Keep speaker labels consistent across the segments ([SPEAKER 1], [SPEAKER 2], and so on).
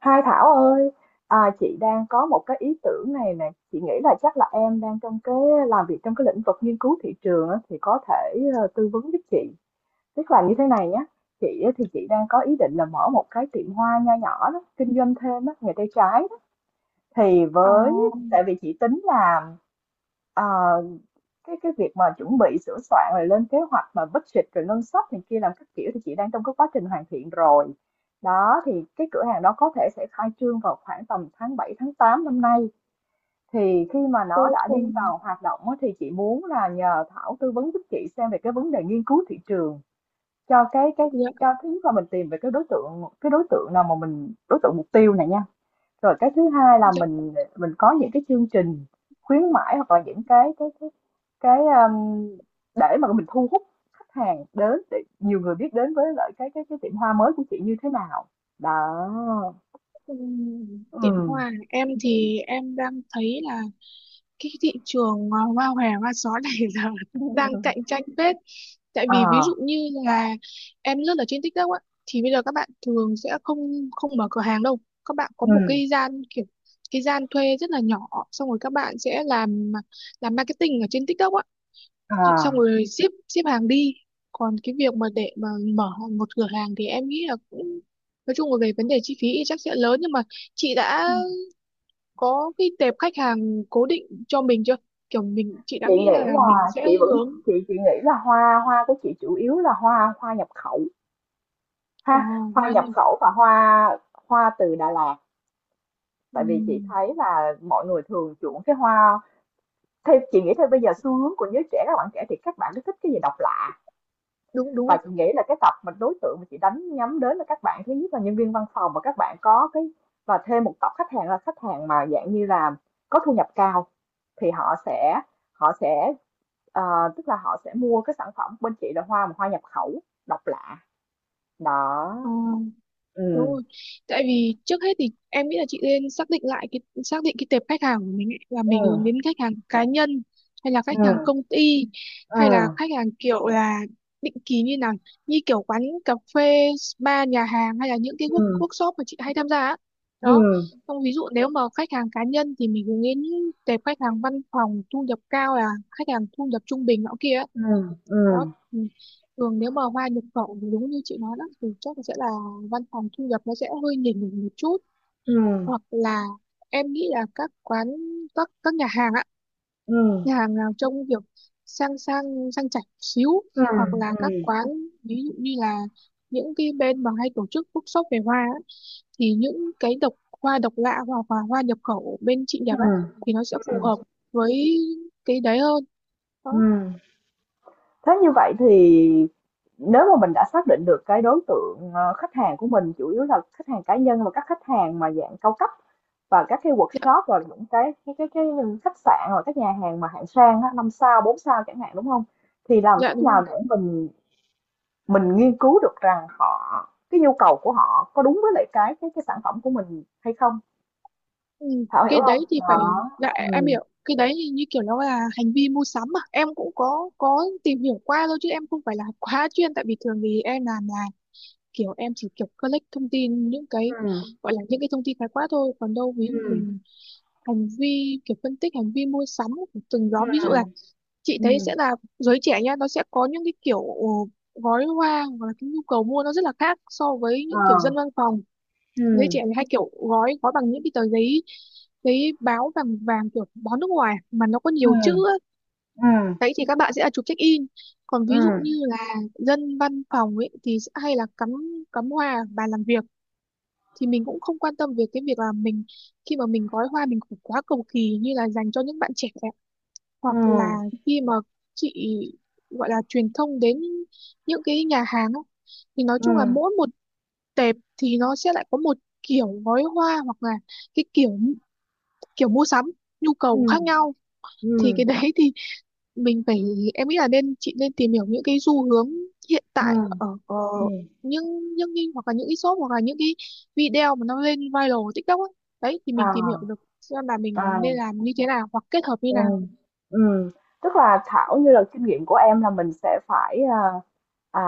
[SPEAKER 1] Hai Thảo ơi, à, chị đang có một cái ý tưởng này nè. Chị nghĩ là chắc là em đang trong cái làm việc trong cái lĩnh vực nghiên cứu thị trường á, thì có thể tư vấn giúp chị. Tức là như thế này nhé, chị á, thì chị đang có ý định là mở một cái tiệm hoa nho nhỏ đó, kinh doanh thêm á, nghề tay trái đó. Thì
[SPEAKER 2] Ờ,
[SPEAKER 1] với tại vì chị tính là, ờ, cái việc mà chuẩn bị sửa soạn rồi lên kế hoạch mà budget rồi ngân sách này kia làm các kiểu thì chị đang trong cái quá trình hoàn thiện rồi đó. Thì cái cửa hàng đó có thể sẽ khai trương vào khoảng tầm tháng 7 tháng 8 năm nay. Thì khi mà nó
[SPEAKER 2] cô
[SPEAKER 1] đã đi
[SPEAKER 2] cùng
[SPEAKER 1] vào hoạt động á, thì chị muốn là nhờ Thảo tư vấn giúp chị xem về cái vấn đề nghiên cứu thị trường cho cái
[SPEAKER 2] dạ,
[SPEAKER 1] cho thứ nhất là mình tìm về cái đối tượng, cái đối tượng nào mà mình đối tượng mục tiêu này nha. Rồi cái thứ hai là
[SPEAKER 2] dạ,
[SPEAKER 1] mình có những cái chương trình khuyến mãi hoặc là những cái cái, để mà mình thu hút khách hàng đến, để nhiều người biết đến với lại cái cái tiệm hoa mới của chị như thế nào. Đó.
[SPEAKER 2] Tiệm
[SPEAKER 1] Ừm.
[SPEAKER 2] hoa à? Em thì em đang thấy là cái thị trường hoa hòe hoa só này giờ đang cạnh tranh phết, tại vì ví
[SPEAKER 1] À,
[SPEAKER 2] dụ như là em lướt ở trên TikTok á, thì bây giờ các bạn thường sẽ không không mở cửa hàng đâu, các bạn có một
[SPEAKER 1] ừm,
[SPEAKER 2] cái gian kiểu cái gian thuê rất là nhỏ, xong rồi các bạn sẽ làm marketing ở trên TikTok á, xong
[SPEAKER 1] à.
[SPEAKER 2] rồi ship ship hàng đi. Còn cái việc mà để mà mở một cửa hàng thì em nghĩ là cũng nói chung là về vấn đề chi phí thì chắc sẽ lớn, nhưng mà chị đã có cái tệp khách hàng cố định cho mình chưa, kiểu chị đã
[SPEAKER 1] Chị
[SPEAKER 2] nghĩ
[SPEAKER 1] nghĩ
[SPEAKER 2] là mình
[SPEAKER 1] là
[SPEAKER 2] sẽ
[SPEAKER 1] chị vẫn,
[SPEAKER 2] hướng
[SPEAKER 1] chị nghĩ là hoa hoa của chị chủ yếu là hoa hoa nhập khẩu
[SPEAKER 2] ờ
[SPEAKER 1] ha, hoa
[SPEAKER 2] bao
[SPEAKER 1] nhập
[SPEAKER 2] nhiêu
[SPEAKER 1] khẩu và hoa hoa từ Đà Lạt. Tại vì chị
[SPEAKER 2] Ừm,
[SPEAKER 1] thấy là mọi người thường chuộng cái hoa. Thì chị nghĩ thôi bây giờ xu hướng của giới trẻ, các bạn trẻ thì các bạn rất thích cái gì độc lạ,
[SPEAKER 2] đúng đúng
[SPEAKER 1] và
[SPEAKER 2] rồi.
[SPEAKER 1] chị nghĩ là cái tập mà đối tượng mà chị đánh nhắm đến là các bạn, thứ nhất là nhân viên văn phòng và các bạn có cái, và thêm một tập khách hàng là khách hàng mà dạng như là có thu nhập cao. Thì họ sẽ, họ sẽ ờ, tức là họ sẽ mua cái sản phẩm bên chị là hoa mà hoa nhập khẩu độc lạ đó.
[SPEAKER 2] Ờ. Đúng
[SPEAKER 1] Ừ,
[SPEAKER 2] rồi. Tại vì trước hết thì em nghĩ là chị nên xác định lại cái xác định cái tệp khách hàng của mình ấy, là mình hướng
[SPEAKER 1] ừ,
[SPEAKER 2] đến khách hàng cá nhân hay là khách hàng
[SPEAKER 1] ừ,
[SPEAKER 2] công ty,
[SPEAKER 1] ừ,
[SPEAKER 2] hay là khách hàng kiểu là định kỳ như nào, như kiểu quán cà phê, spa, nhà hàng, hay là những cái
[SPEAKER 1] ừ,
[SPEAKER 2] workshop mà chị hay tham gia á.
[SPEAKER 1] ừ,
[SPEAKER 2] Đó. Xong ví dụ nếu mà khách hàng cá nhân thì mình hướng đến tệp khách hàng văn phòng thu nhập cao, là khách hàng thu nhập trung bình nọ kia.
[SPEAKER 1] ừ, ừ,
[SPEAKER 2] Đó, ừ. Thường nếu mà hoa nhập khẩu thì đúng như chị nói đó, thì chắc là sẽ là văn phòng thu nhập nó sẽ hơi nhỉnh nhỉnh một chút,
[SPEAKER 1] ừ,
[SPEAKER 2] hoặc là em nghĩ là các quán, các nhà hàng ạ,
[SPEAKER 1] ừ,
[SPEAKER 2] nhà hàng nào trông kiểu sang sang sang chảnh xíu,
[SPEAKER 1] ừ,
[SPEAKER 2] hoặc là
[SPEAKER 1] ừ, ừ.
[SPEAKER 2] các quán ví dụ như là những cái bên mà hay tổ chức workshop về hoa á, thì những cái hoa độc lạ hoặc là hoa nhập khẩu bên chị
[SPEAKER 1] Ừ.
[SPEAKER 2] nhập á thì nó sẽ
[SPEAKER 1] Ừ.
[SPEAKER 2] phù
[SPEAKER 1] Ừ.
[SPEAKER 2] hợp với cái đấy hơn. Đó.
[SPEAKER 1] Ừm, thế như vậy thì nếu mà mình đã xác định được cái đối tượng, khách hàng của mình chủ yếu là khách hàng cá nhân và các khách hàng mà dạng cao cấp và các cái
[SPEAKER 2] Dạ
[SPEAKER 1] workshop và những cái cái khách sạn hoặc các nhà hàng mà hạng sang á, 5 sao, 4 sao chẳng hạn, đúng không? Thì làm
[SPEAKER 2] dạ
[SPEAKER 1] cách
[SPEAKER 2] đúng rồi.
[SPEAKER 1] nào để mình nghiên cứu được rằng họ, cái nhu cầu của họ có đúng với lại cái cái sản phẩm của mình hay không?
[SPEAKER 2] Ừ,
[SPEAKER 1] Thảo hiểu
[SPEAKER 2] cái
[SPEAKER 1] không?
[SPEAKER 2] đấy thì phải
[SPEAKER 1] Đó.
[SPEAKER 2] lại em
[SPEAKER 1] Ừ,
[SPEAKER 2] hiểu, cái đấy thì như kiểu nó là hành vi mua sắm mà em cũng có tìm hiểu qua thôi, chứ em không phải là quá chuyên. Tại vì thường thì em làm là kiểu em chỉ kiểu collect thông tin, những cái
[SPEAKER 1] ừ,
[SPEAKER 2] gọi là những cái thông tin khái quát thôi. Còn đâu ví dụ về
[SPEAKER 1] ừ,
[SPEAKER 2] hành vi, kiểu phân tích hành vi mua sắm của từng nhóm, ví
[SPEAKER 1] ừ,
[SPEAKER 2] dụ là chị thấy
[SPEAKER 1] ừm,
[SPEAKER 2] sẽ là giới trẻ nha, nó sẽ có những cái kiểu gói hoa hoặc là cái nhu cầu mua nó rất là khác so với
[SPEAKER 1] ờ,
[SPEAKER 2] những kiểu dân văn phòng. Giới trẻ
[SPEAKER 1] ừ,
[SPEAKER 2] thì hay kiểu gói gói bằng những cái tờ giấy, giấy báo vàng vàng kiểu báo nước ngoài mà nó có nhiều chữ
[SPEAKER 1] ừ,
[SPEAKER 2] á.
[SPEAKER 1] ừm.
[SPEAKER 2] Đấy thì các bạn sẽ là chụp check in. Còn ví dụ
[SPEAKER 1] Ừm,
[SPEAKER 2] như là dân văn phòng ấy thì sẽ hay là cắm cắm hoa ở bàn làm việc, thì mình cũng không quan tâm về cái việc là mình khi mà mình gói hoa mình cũng quá cầu kỳ như là dành cho những bạn trẻ. Hoặc là
[SPEAKER 1] ừm,
[SPEAKER 2] khi mà chị gọi là truyền thông đến những cái nhà hàng á, thì nói chung là
[SPEAKER 1] ừm,
[SPEAKER 2] mỗi một đẹp thì nó sẽ lại có một kiểu gói hoa hoặc là cái kiểu kiểu mua sắm, nhu cầu
[SPEAKER 1] ừm,
[SPEAKER 2] khác nhau. Thì
[SPEAKER 1] ừm,
[SPEAKER 2] cái đấy thì mình phải em nghĩ là chị nên tìm hiểu những cái xu hướng hiện tại
[SPEAKER 1] ừm,
[SPEAKER 2] ở,
[SPEAKER 1] ừm,
[SPEAKER 2] những những cái hoặc là những cái shop hoặc là những cái video mà nó lên viral TikTok ấy. Đấy thì mình tìm hiểu
[SPEAKER 1] à,
[SPEAKER 2] được xem là mình nên
[SPEAKER 1] à.
[SPEAKER 2] làm như thế nào hoặc kết hợp như
[SPEAKER 1] Ừ,
[SPEAKER 2] nào.
[SPEAKER 1] ừm, tức là Thảo như là kinh nghiệm của em là mình sẽ phải, à,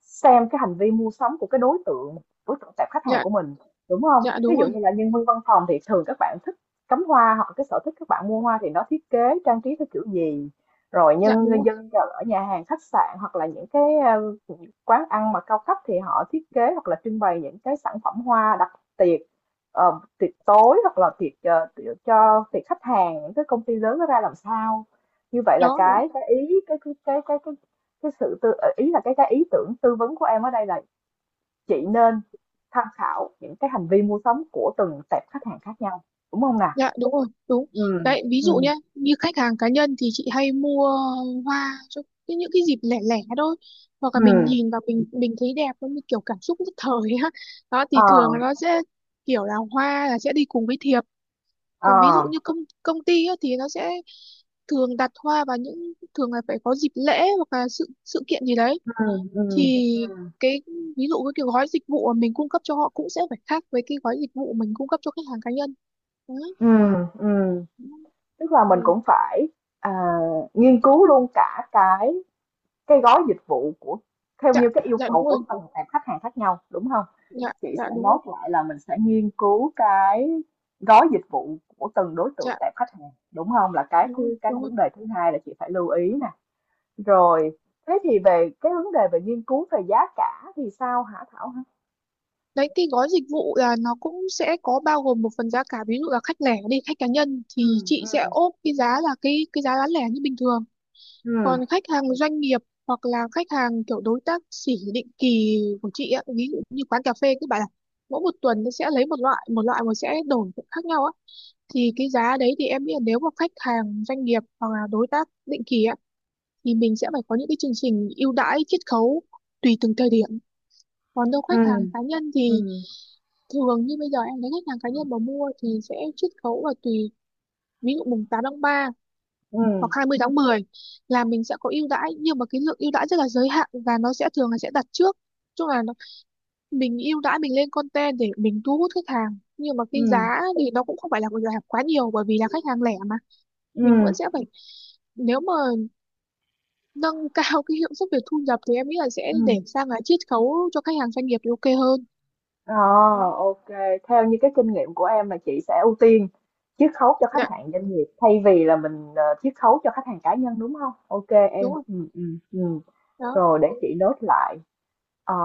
[SPEAKER 1] xem cái hành vi mua sắm của cái đối tượng, đối tượng tệp khách hàng
[SPEAKER 2] Dạ
[SPEAKER 1] của mình, đúng không?
[SPEAKER 2] dạ
[SPEAKER 1] Ví
[SPEAKER 2] đúng
[SPEAKER 1] dụ
[SPEAKER 2] rồi,
[SPEAKER 1] như là nhân viên văn phòng thì thường các bạn thích cắm hoa, hoặc là cái sở thích các bạn mua hoa thì nó thiết kế trang trí theo kiểu gì? Rồi
[SPEAKER 2] dạ
[SPEAKER 1] nhân
[SPEAKER 2] đúng rồi.
[SPEAKER 1] dân ở nhà hàng khách sạn hoặc là những cái, quán ăn mà cao cấp thì họ thiết kế hoặc là trưng bày những cái sản phẩm hoa đặc biệt, tiệc tối hoặc là tiệc, tiệc cho tiệc khách hàng những cái công ty lớn nó ra làm sao. Như vậy là
[SPEAKER 2] Đó đó.
[SPEAKER 1] cái ý cái sự tư, ý là cái ý tưởng tư vấn của em ở đây là chị nên tham khảo những cái hành vi mua sắm của từng tệp khách hàng khác nhau, đúng không nào?
[SPEAKER 2] Dạ đúng rồi, đúng.
[SPEAKER 1] Ừ,
[SPEAKER 2] Đấy, ví
[SPEAKER 1] ừ,
[SPEAKER 2] dụ nhá, như khách hàng cá nhân thì chị hay mua hoa cho những cái dịp lẻ lẻ thôi. Hoặc là
[SPEAKER 1] ừ,
[SPEAKER 2] mình nhìn vào mình thấy đẹp, nó như kiểu cảm xúc nhất thời á. Đó
[SPEAKER 1] ờ,
[SPEAKER 2] thì thường là nó sẽ kiểu là hoa là sẽ đi cùng với thiệp.
[SPEAKER 1] ờ,
[SPEAKER 2] Còn ví dụ như công công ty á, thì nó sẽ thường đặt hoa vào những, thường là phải có dịp lễ hoặc là sự sự kiện gì đấy.
[SPEAKER 1] ừ,
[SPEAKER 2] Thì
[SPEAKER 1] ừ, ừ,
[SPEAKER 2] cái ví dụ cái kiểu gói dịch vụ mà mình cung cấp cho họ cũng sẽ phải khác với cái gói dịch vụ mình cung cấp cho khách hàng cá nhân. Đó.
[SPEAKER 1] ừ, ừ. Tức là mình
[SPEAKER 2] Ừ.
[SPEAKER 1] cũng phải, à, nghiên cứu luôn cả cái gói dịch vụ của theo
[SPEAKER 2] Dạ
[SPEAKER 1] như cái yêu
[SPEAKER 2] dạ
[SPEAKER 1] cầu
[SPEAKER 2] đúng
[SPEAKER 1] của
[SPEAKER 2] rồi,
[SPEAKER 1] từng tệp khách hàng khác nhau, đúng không?
[SPEAKER 2] dạ
[SPEAKER 1] Chị sẽ
[SPEAKER 2] dạ đúng rồi,
[SPEAKER 1] note lại là mình sẽ nghiên cứu cái gói dịch vụ của từng đối
[SPEAKER 2] dạ
[SPEAKER 1] tượng tệp khách hàng, đúng không? Là cái
[SPEAKER 2] đúng rồi,
[SPEAKER 1] thứ, cái
[SPEAKER 2] đúng rồi.
[SPEAKER 1] vấn đề thứ hai là chị phải lưu ý nè. Rồi, thế thì về cái vấn đề về nghiên cứu về giá cả thì sao hả Thảo hả?
[SPEAKER 2] Đấy cái gói dịch vụ là nó cũng sẽ có bao gồm một phần giá cả, ví dụ là khách lẻ đi, khách cá nhân thì
[SPEAKER 1] Ừm,
[SPEAKER 2] chị sẽ
[SPEAKER 1] ừm,
[SPEAKER 2] ốp cái giá là cái giá bán lẻ như bình thường.
[SPEAKER 1] ừm,
[SPEAKER 2] Còn khách hàng doanh nghiệp hoặc là khách hàng kiểu đối tác sỉ định kỳ của chị á, ví dụ như quán cà phê các bạn, là mỗi một tuần nó sẽ lấy một loại mà sẽ đổi khác nhau á, thì cái giá đấy thì em nghĩ là nếu mà khách hàng doanh nghiệp hoặc là đối tác định kỳ á thì mình sẽ phải có những cái chương trình ưu đãi chiết khấu tùy từng thời điểm. Còn đâu khách hàng cá nhân thì
[SPEAKER 1] ừm,
[SPEAKER 2] thường như bây giờ em thấy khách hàng cá
[SPEAKER 1] ừm,
[SPEAKER 2] nhân mà mua thì sẽ chiết khấu là tùy, ví dụ mùng 8 tháng 3 hoặc
[SPEAKER 1] ừm,
[SPEAKER 2] 20 tháng 10 là mình sẽ có ưu đãi, nhưng mà cái lượng ưu đãi rất là giới hạn và nó sẽ thường là sẽ đặt trước. Chung là nó, mình ưu đãi mình lên content để mình thu hút khách hàng, nhưng mà cái
[SPEAKER 1] ừm,
[SPEAKER 2] giá thì nó cũng không phải là giảm quá nhiều, bởi vì là khách hàng lẻ mà. Mình
[SPEAKER 1] ừm,
[SPEAKER 2] vẫn sẽ phải, nếu mà nâng cao cái hiệu suất về thu nhập thì em nghĩ là sẽ để
[SPEAKER 1] ừm.
[SPEAKER 2] sang là chiết khấu cho khách hàng doanh nghiệp thì ok hơn.
[SPEAKER 1] Ờ,
[SPEAKER 2] Đó.
[SPEAKER 1] ok. Theo như cái kinh nghiệm của em là chị sẽ ưu tiên chiết khấu cho khách
[SPEAKER 2] Dạ
[SPEAKER 1] hàng doanh nghiệp thay vì là mình chiết khấu cho khách hàng cá nhân, đúng không? Ok
[SPEAKER 2] đúng
[SPEAKER 1] em.
[SPEAKER 2] rồi.
[SPEAKER 1] Ừ, ừ, ừ.
[SPEAKER 2] Đó.
[SPEAKER 1] Rồi để chị nốt lại. Ờ,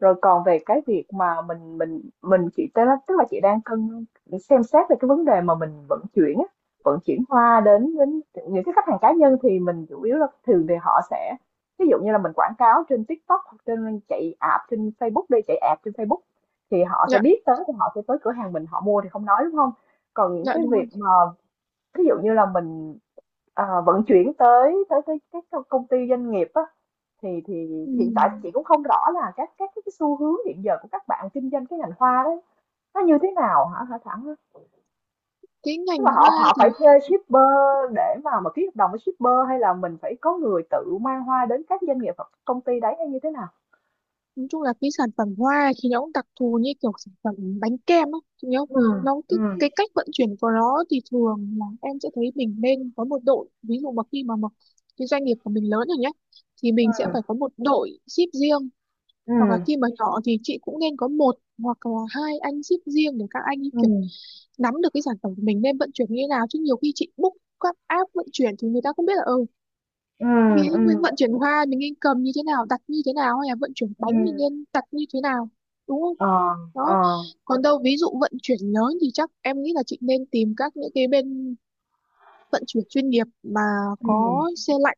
[SPEAKER 1] rồi còn về cái việc mà mình chị tức là, chị đang cân xem xét về cái vấn đề mà mình vận chuyển á, vận chuyển hoa đến đến những cái khách hàng cá nhân thì mình chủ yếu là thường thì họ sẽ, ví dụ như là mình quảng cáo trên TikTok hoặc trên chạy app trên Facebook, đi chạy app trên Facebook thì họ sẽ
[SPEAKER 2] Dạ
[SPEAKER 1] biết tới, thì họ sẽ tới cửa hàng mình họ mua thì không nói đúng không. Còn những
[SPEAKER 2] dạ
[SPEAKER 1] cái
[SPEAKER 2] đúng rồi.
[SPEAKER 1] việc mà ví dụ như là mình, vận chuyển tới tới cái công ty doanh nghiệp á, thì
[SPEAKER 2] Ừ.
[SPEAKER 1] hiện tại chị cũng không rõ là các cái xu hướng hiện giờ của các bạn kinh doanh cái ngành hoa đấy nó như thế nào hả hả Thảo?
[SPEAKER 2] Cái
[SPEAKER 1] Tức là
[SPEAKER 2] ngành
[SPEAKER 1] họ
[SPEAKER 2] hoa
[SPEAKER 1] họ
[SPEAKER 2] thì
[SPEAKER 1] phải thuê shipper để mà ký hợp đồng với shipper, hay là mình phải có người tự mang hoa đến các doanh nghiệp hoặc công ty đấy hay như thế nào?
[SPEAKER 2] nói chung là cái sản phẩm hoa thì nó cũng đặc thù như kiểu sản phẩm bánh kem á, chị nhớ không?
[SPEAKER 1] Ừ.
[SPEAKER 2] Nó
[SPEAKER 1] Ừ.
[SPEAKER 2] cái cách vận chuyển của nó thì thường là em sẽ thấy mình nên có một đội, ví dụ mà khi mà cái doanh nghiệp của mình lớn rồi nhé thì mình sẽ
[SPEAKER 1] Ừ,
[SPEAKER 2] phải có một đội ship riêng,
[SPEAKER 1] ừ,
[SPEAKER 2] hoặc là khi mà nhỏ thì chị cũng nên có một hoặc là hai anh ship riêng để các anh ấy
[SPEAKER 1] ừ.
[SPEAKER 2] kiểu nắm được cái sản phẩm của mình nên vận chuyển như thế nào. Chứ nhiều khi chị book các app vận chuyển thì người ta không biết là, ừ,
[SPEAKER 1] Ừ,
[SPEAKER 2] vì mình
[SPEAKER 1] ừ,
[SPEAKER 2] vận chuyển hoa mình nên cầm như thế nào, đặt như thế nào, hay là vận chuyển
[SPEAKER 1] ừ.
[SPEAKER 2] bánh mình nên đặt như thế nào, đúng không?
[SPEAKER 1] Ờ, ờ.
[SPEAKER 2] Đó. Còn đâu ví dụ vận chuyển lớn thì chắc em nghĩ là chị nên tìm những cái bên vận chuyển chuyên nghiệp mà
[SPEAKER 1] Ừ,
[SPEAKER 2] có xe lạnh.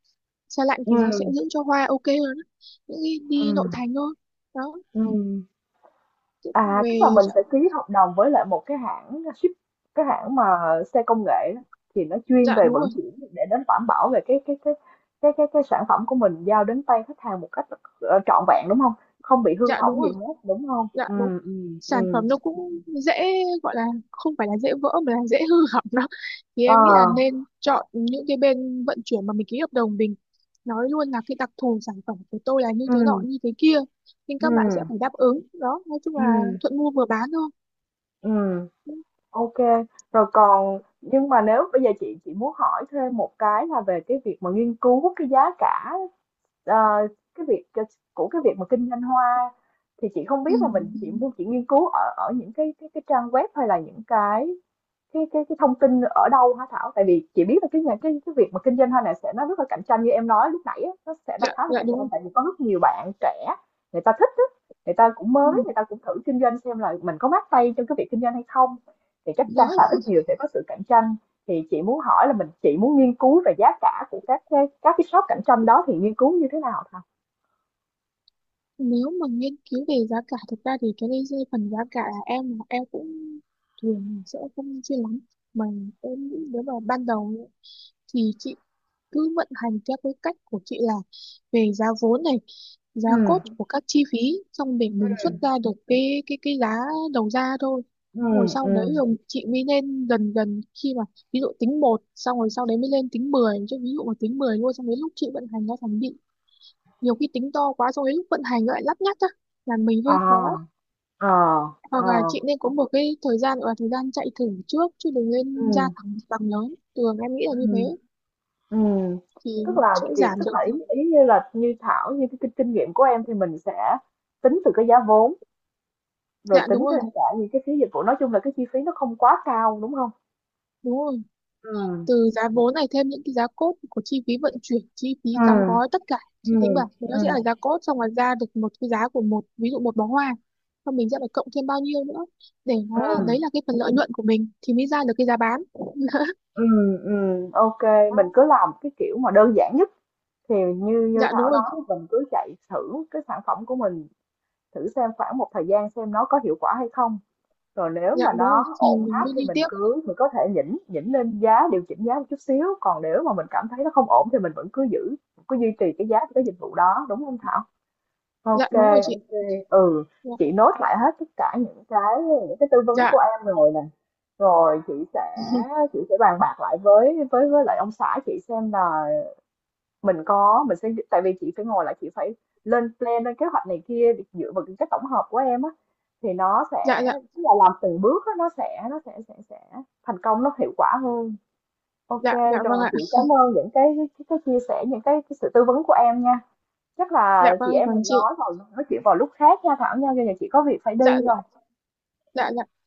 [SPEAKER 2] Xe lạnh thì nó sẽ
[SPEAKER 1] ừ,
[SPEAKER 2] giữ cho hoa ok hơn á, những cái
[SPEAKER 1] ừ,
[SPEAKER 2] đi nội thành thôi. Đó.
[SPEAKER 1] ừ.
[SPEAKER 2] Thế
[SPEAKER 1] À, tức là
[SPEAKER 2] về,
[SPEAKER 1] mình
[SPEAKER 2] dạ,
[SPEAKER 1] sẽ ký hợp đồng với lại một cái hãng ship, cái hãng mà xe công nghệ á, thì nó chuyên
[SPEAKER 2] dạ
[SPEAKER 1] về
[SPEAKER 2] đúng
[SPEAKER 1] vận
[SPEAKER 2] rồi,
[SPEAKER 1] chuyển để đến đảm bảo về cái cái sản phẩm của mình giao đến tay khách hàng một cách trọn vẹn, đúng không? Không bị hư
[SPEAKER 2] dạ đúng
[SPEAKER 1] hỏng gì
[SPEAKER 2] rồi,
[SPEAKER 1] hết, đúng không?
[SPEAKER 2] dạ đúng.
[SPEAKER 1] Ừ, ừ,
[SPEAKER 2] Sản
[SPEAKER 1] ừ.
[SPEAKER 2] phẩm nó cũng dễ, gọi là không phải là dễ vỡ mà là dễ hư hỏng đó, thì
[SPEAKER 1] Ờ,
[SPEAKER 2] em nghĩ là nên chọn những cái bên vận chuyển mà mình ký hợp đồng, mình nói luôn là cái đặc thù sản phẩm của tôi là như
[SPEAKER 1] ừ,
[SPEAKER 2] thế nọ như thế kia, nên
[SPEAKER 1] ừ,
[SPEAKER 2] các bạn sẽ phải đáp ứng. Đó, nói chung
[SPEAKER 1] ừ,
[SPEAKER 2] là thuận mua vừa bán thôi.
[SPEAKER 1] ừ. Ok. Rồi còn nhưng mà nếu bây giờ chị muốn hỏi thêm một cái là về cái việc mà nghiên cứu cái giá cả, Ờ, cái việc c của cái việc mà kinh doanh hoa, thì chị không biết là mình chỉ
[SPEAKER 2] Ừ.
[SPEAKER 1] mua, chị nghiên cứu ở ở những cái cái trang web hay là những cái cái thông tin ở đâu hả Thảo? Tại vì chị biết là cái nhà cái việc mà kinh doanh hoa này sẽ nó rất là cạnh tranh, như em nói lúc nãy á, nó sẽ nó
[SPEAKER 2] Dạ
[SPEAKER 1] khá là
[SPEAKER 2] dạ
[SPEAKER 1] cạnh
[SPEAKER 2] đúng
[SPEAKER 1] tranh,
[SPEAKER 2] rồi.
[SPEAKER 1] tại vì có rất nhiều bạn trẻ người ta thích á, người ta cũng
[SPEAKER 2] Ừ,
[SPEAKER 1] mới, người ta cũng thử kinh doanh xem là mình có mát tay trong cái việc kinh doanh hay không. Thì chắc
[SPEAKER 2] dạ.
[SPEAKER 1] chắn là ít nhiều sẽ có sự cạnh tranh. Thì chị muốn hỏi là mình, chị muốn nghiên cứu về giá cả của các cái các shop cạnh tranh đó thì nghiên cứu như thế nào Thảo?
[SPEAKER 2] Nếu mà nghiên cứu về giá cả thực ra thì cái đây phần giá cả là em cũng thường sẽ không chuyên lắm, mà em nghĩ nếu mà ban đầu thì chị cứ vận hành theo cái cách của chị là về giá vốn này, giá cốt
[SPEAKER 1] Ừ,
[SPEAKER 2] của các chi phí, xong để mình xuất
[SPEAKER 1] ừ,
[SPEAKER 2] ra được cái giá đầu ra thôi.
[SPEAKER 1] ừ,
[SPEAKER 2] Rồi sau đấy
[SPEAKER 1] ừ.
[SPEAKER 2] rồi chị mới lên dần dần, khi mà ví dụ tính một, xong rồi sau đấy mới lên tính mười. Chứ ví dụ mà tính 10 luôn xong đến lúc chị vận hành nó thành bị, nhiều khi tính to quá xong đến lúc vận hành lại lắt nhắt á là mình hơi khó.
[SPEAKER 1] À, à,
[SPEAKER 2] Hoặc là
[SPEAKER 1] à,
[SPEAKER 2] chị nên có một cái thời gian gọi là thời gian chạy thử trước, chứ đừng nên ra
[SPEAKER 1] ừ.
[SPEAKER 2] thẳng bằng lớn, thường em nghĩ là
[SPEAKER 1] Ừ.
[SPEAKER 2] như thế
[SPEAKER 1] Ừ.
[SPEAKER 2] thì
[SPEAKER 1] Tức là
[SPEAKER 2] sẽ
[SPEAKER 1] chị,
[SPEAKER 2] giảm
[SPEAKER 1] tức là ý
[SPEAKER 2] được.
[SPEAKER 1] ý như là như Thảo, như cái kinh, kinh nghiệm của em thì mình sẽ tính từ cái giá vốn rồi
[SPEAKER 2] Dạ
[SPEAKER 1] tính
[SPEAKER 2] đúng rồi,
[SPEAKER 1] thêm cả những cái phí dịch vụ, nói chung là cái chi phí nó không quá cao, đúng không?
[SPEAKER 2] đúng rồi.
[SPEAKER 1] Ừ.
[SPEAKER 2] Từ giá vốn này thêm những cái giá cốt của chi phí vận chuyển, chi phí
[SPEAKER 1] Ừ.
[SPEAKER 2] đóng gói tất cả, chị tính
[SPEAKER 1] Ừ.
[SPEAKER 2] bảo thì
[SPEAKER 1] Ừ.
[SPEAKER 2] nó sẽ là giá cốt, xong rồi ra được một cái giá của một ví dụ một bó hoa. Xong mình sẽ phải cộng thêm bao nhiêu nữa để nó là, đấy
[SPEAKER 1] Ừ.
[SPEAKER 2] là cái phần lợi nhuận của mình, thì mới ra được cái giá bán.
[SPEAKER 1] Ừ. Ừ. Ok, mình
[SPEAKER 2] Đó.
[SPEAKER 1] cứ làm cái kiểu mà đơn giản nhất thì như như
[SPEAKER 2] Dạ đúng
[SPEAKER 1] Thảo
[SPEAKER 2] rồi,
[SPEAKER 1] nói, mình cứ chạy thử cái sản phẩm của mình, thử xem khoảng một thời gian xem nó có hiệu quả hay không. Rồi nếu
[SPEAKER 2] dạ
[SPEAKER 1] mà
[SPEAKER 2] đúng rồi
[SPEAKER 1] nó
[SPEAKER 2] thì
[SPEAKER 1] ổn
[SPEAKER 2] mình
[SPEAKER 1] áp
[SPEAKER 2] mới
[SPEAKER 1] thì
[SPEAKER 2] đi
[SPEAKER 1] mình
[SPEAKER 2] tiếp.
[SPEAKER 1] cứ mình có thể nhỉnh nhỉnh lên giá, điều chỉnh giá một chút xíu, còn nếu mà mình cảm thấy nó không ổn thì mình vẫn cứ giữ, cứ duy trì cái giá của cái dịch vụ đó, đúng không Thảo?
[SPEAKER 2] Dạ
[SPEAKER 1] Ok.
[SPEAKER 2] đúng rồi chị.
[SPEAKER 1] Ok. Ừ,
[SPEAKER 2] Dạ
[SPEAKER 1] chị nốt lại hết tất cả những cái tư vấn
[SPEAKER 2] dạ
[SPEAKER 1] của em rồi nè. Rồi chị sẽ, bàn bạc lại với với lại ông xã chị xem là mình có, mình sẽ, tại vì chị phải ngồi lại, chị phải lên plan lên kế hoạch này kia để dựa vào cái tổng hợp của em á, thì nó
[SPEAKER 2] dạ
[SPEAKER 1] sẽ
[SPEAKER 2] dạ
[SPEAKER 1] tức là làm từng bước á, nó sẽ sẽ thành công, nó hiệu quả hơn. Ok.
[SPEAKER 2] dạ, dạ vâng
[SPEAKER 1] Rồi
[SPEAKER 2] ạ.
[SPEAKER 1] chị cảm ơn những cái chia sẻ những cái sự tư vấn của em nha. Chắc
[SPEAKER 2] Dạ
[SPEAKER 1] là
[SPEAKER 2] vâng
[SPEAKER 1] chị em
[SPEAKER 2] còn
[SPEAKER 1] mình
[SPEAKER 2] chị.
[SPEAKER 1] nói vào, nói chuyện vào lúc khác nha Thảo nha, giờ chị có việc phải
[SPEAKER 2] Dạ
[SPEAKER 1] đi
[SPEAKER 2] dạ
[SPEAKER 1] rồi.
[SPEAKER 2] dạ dạ.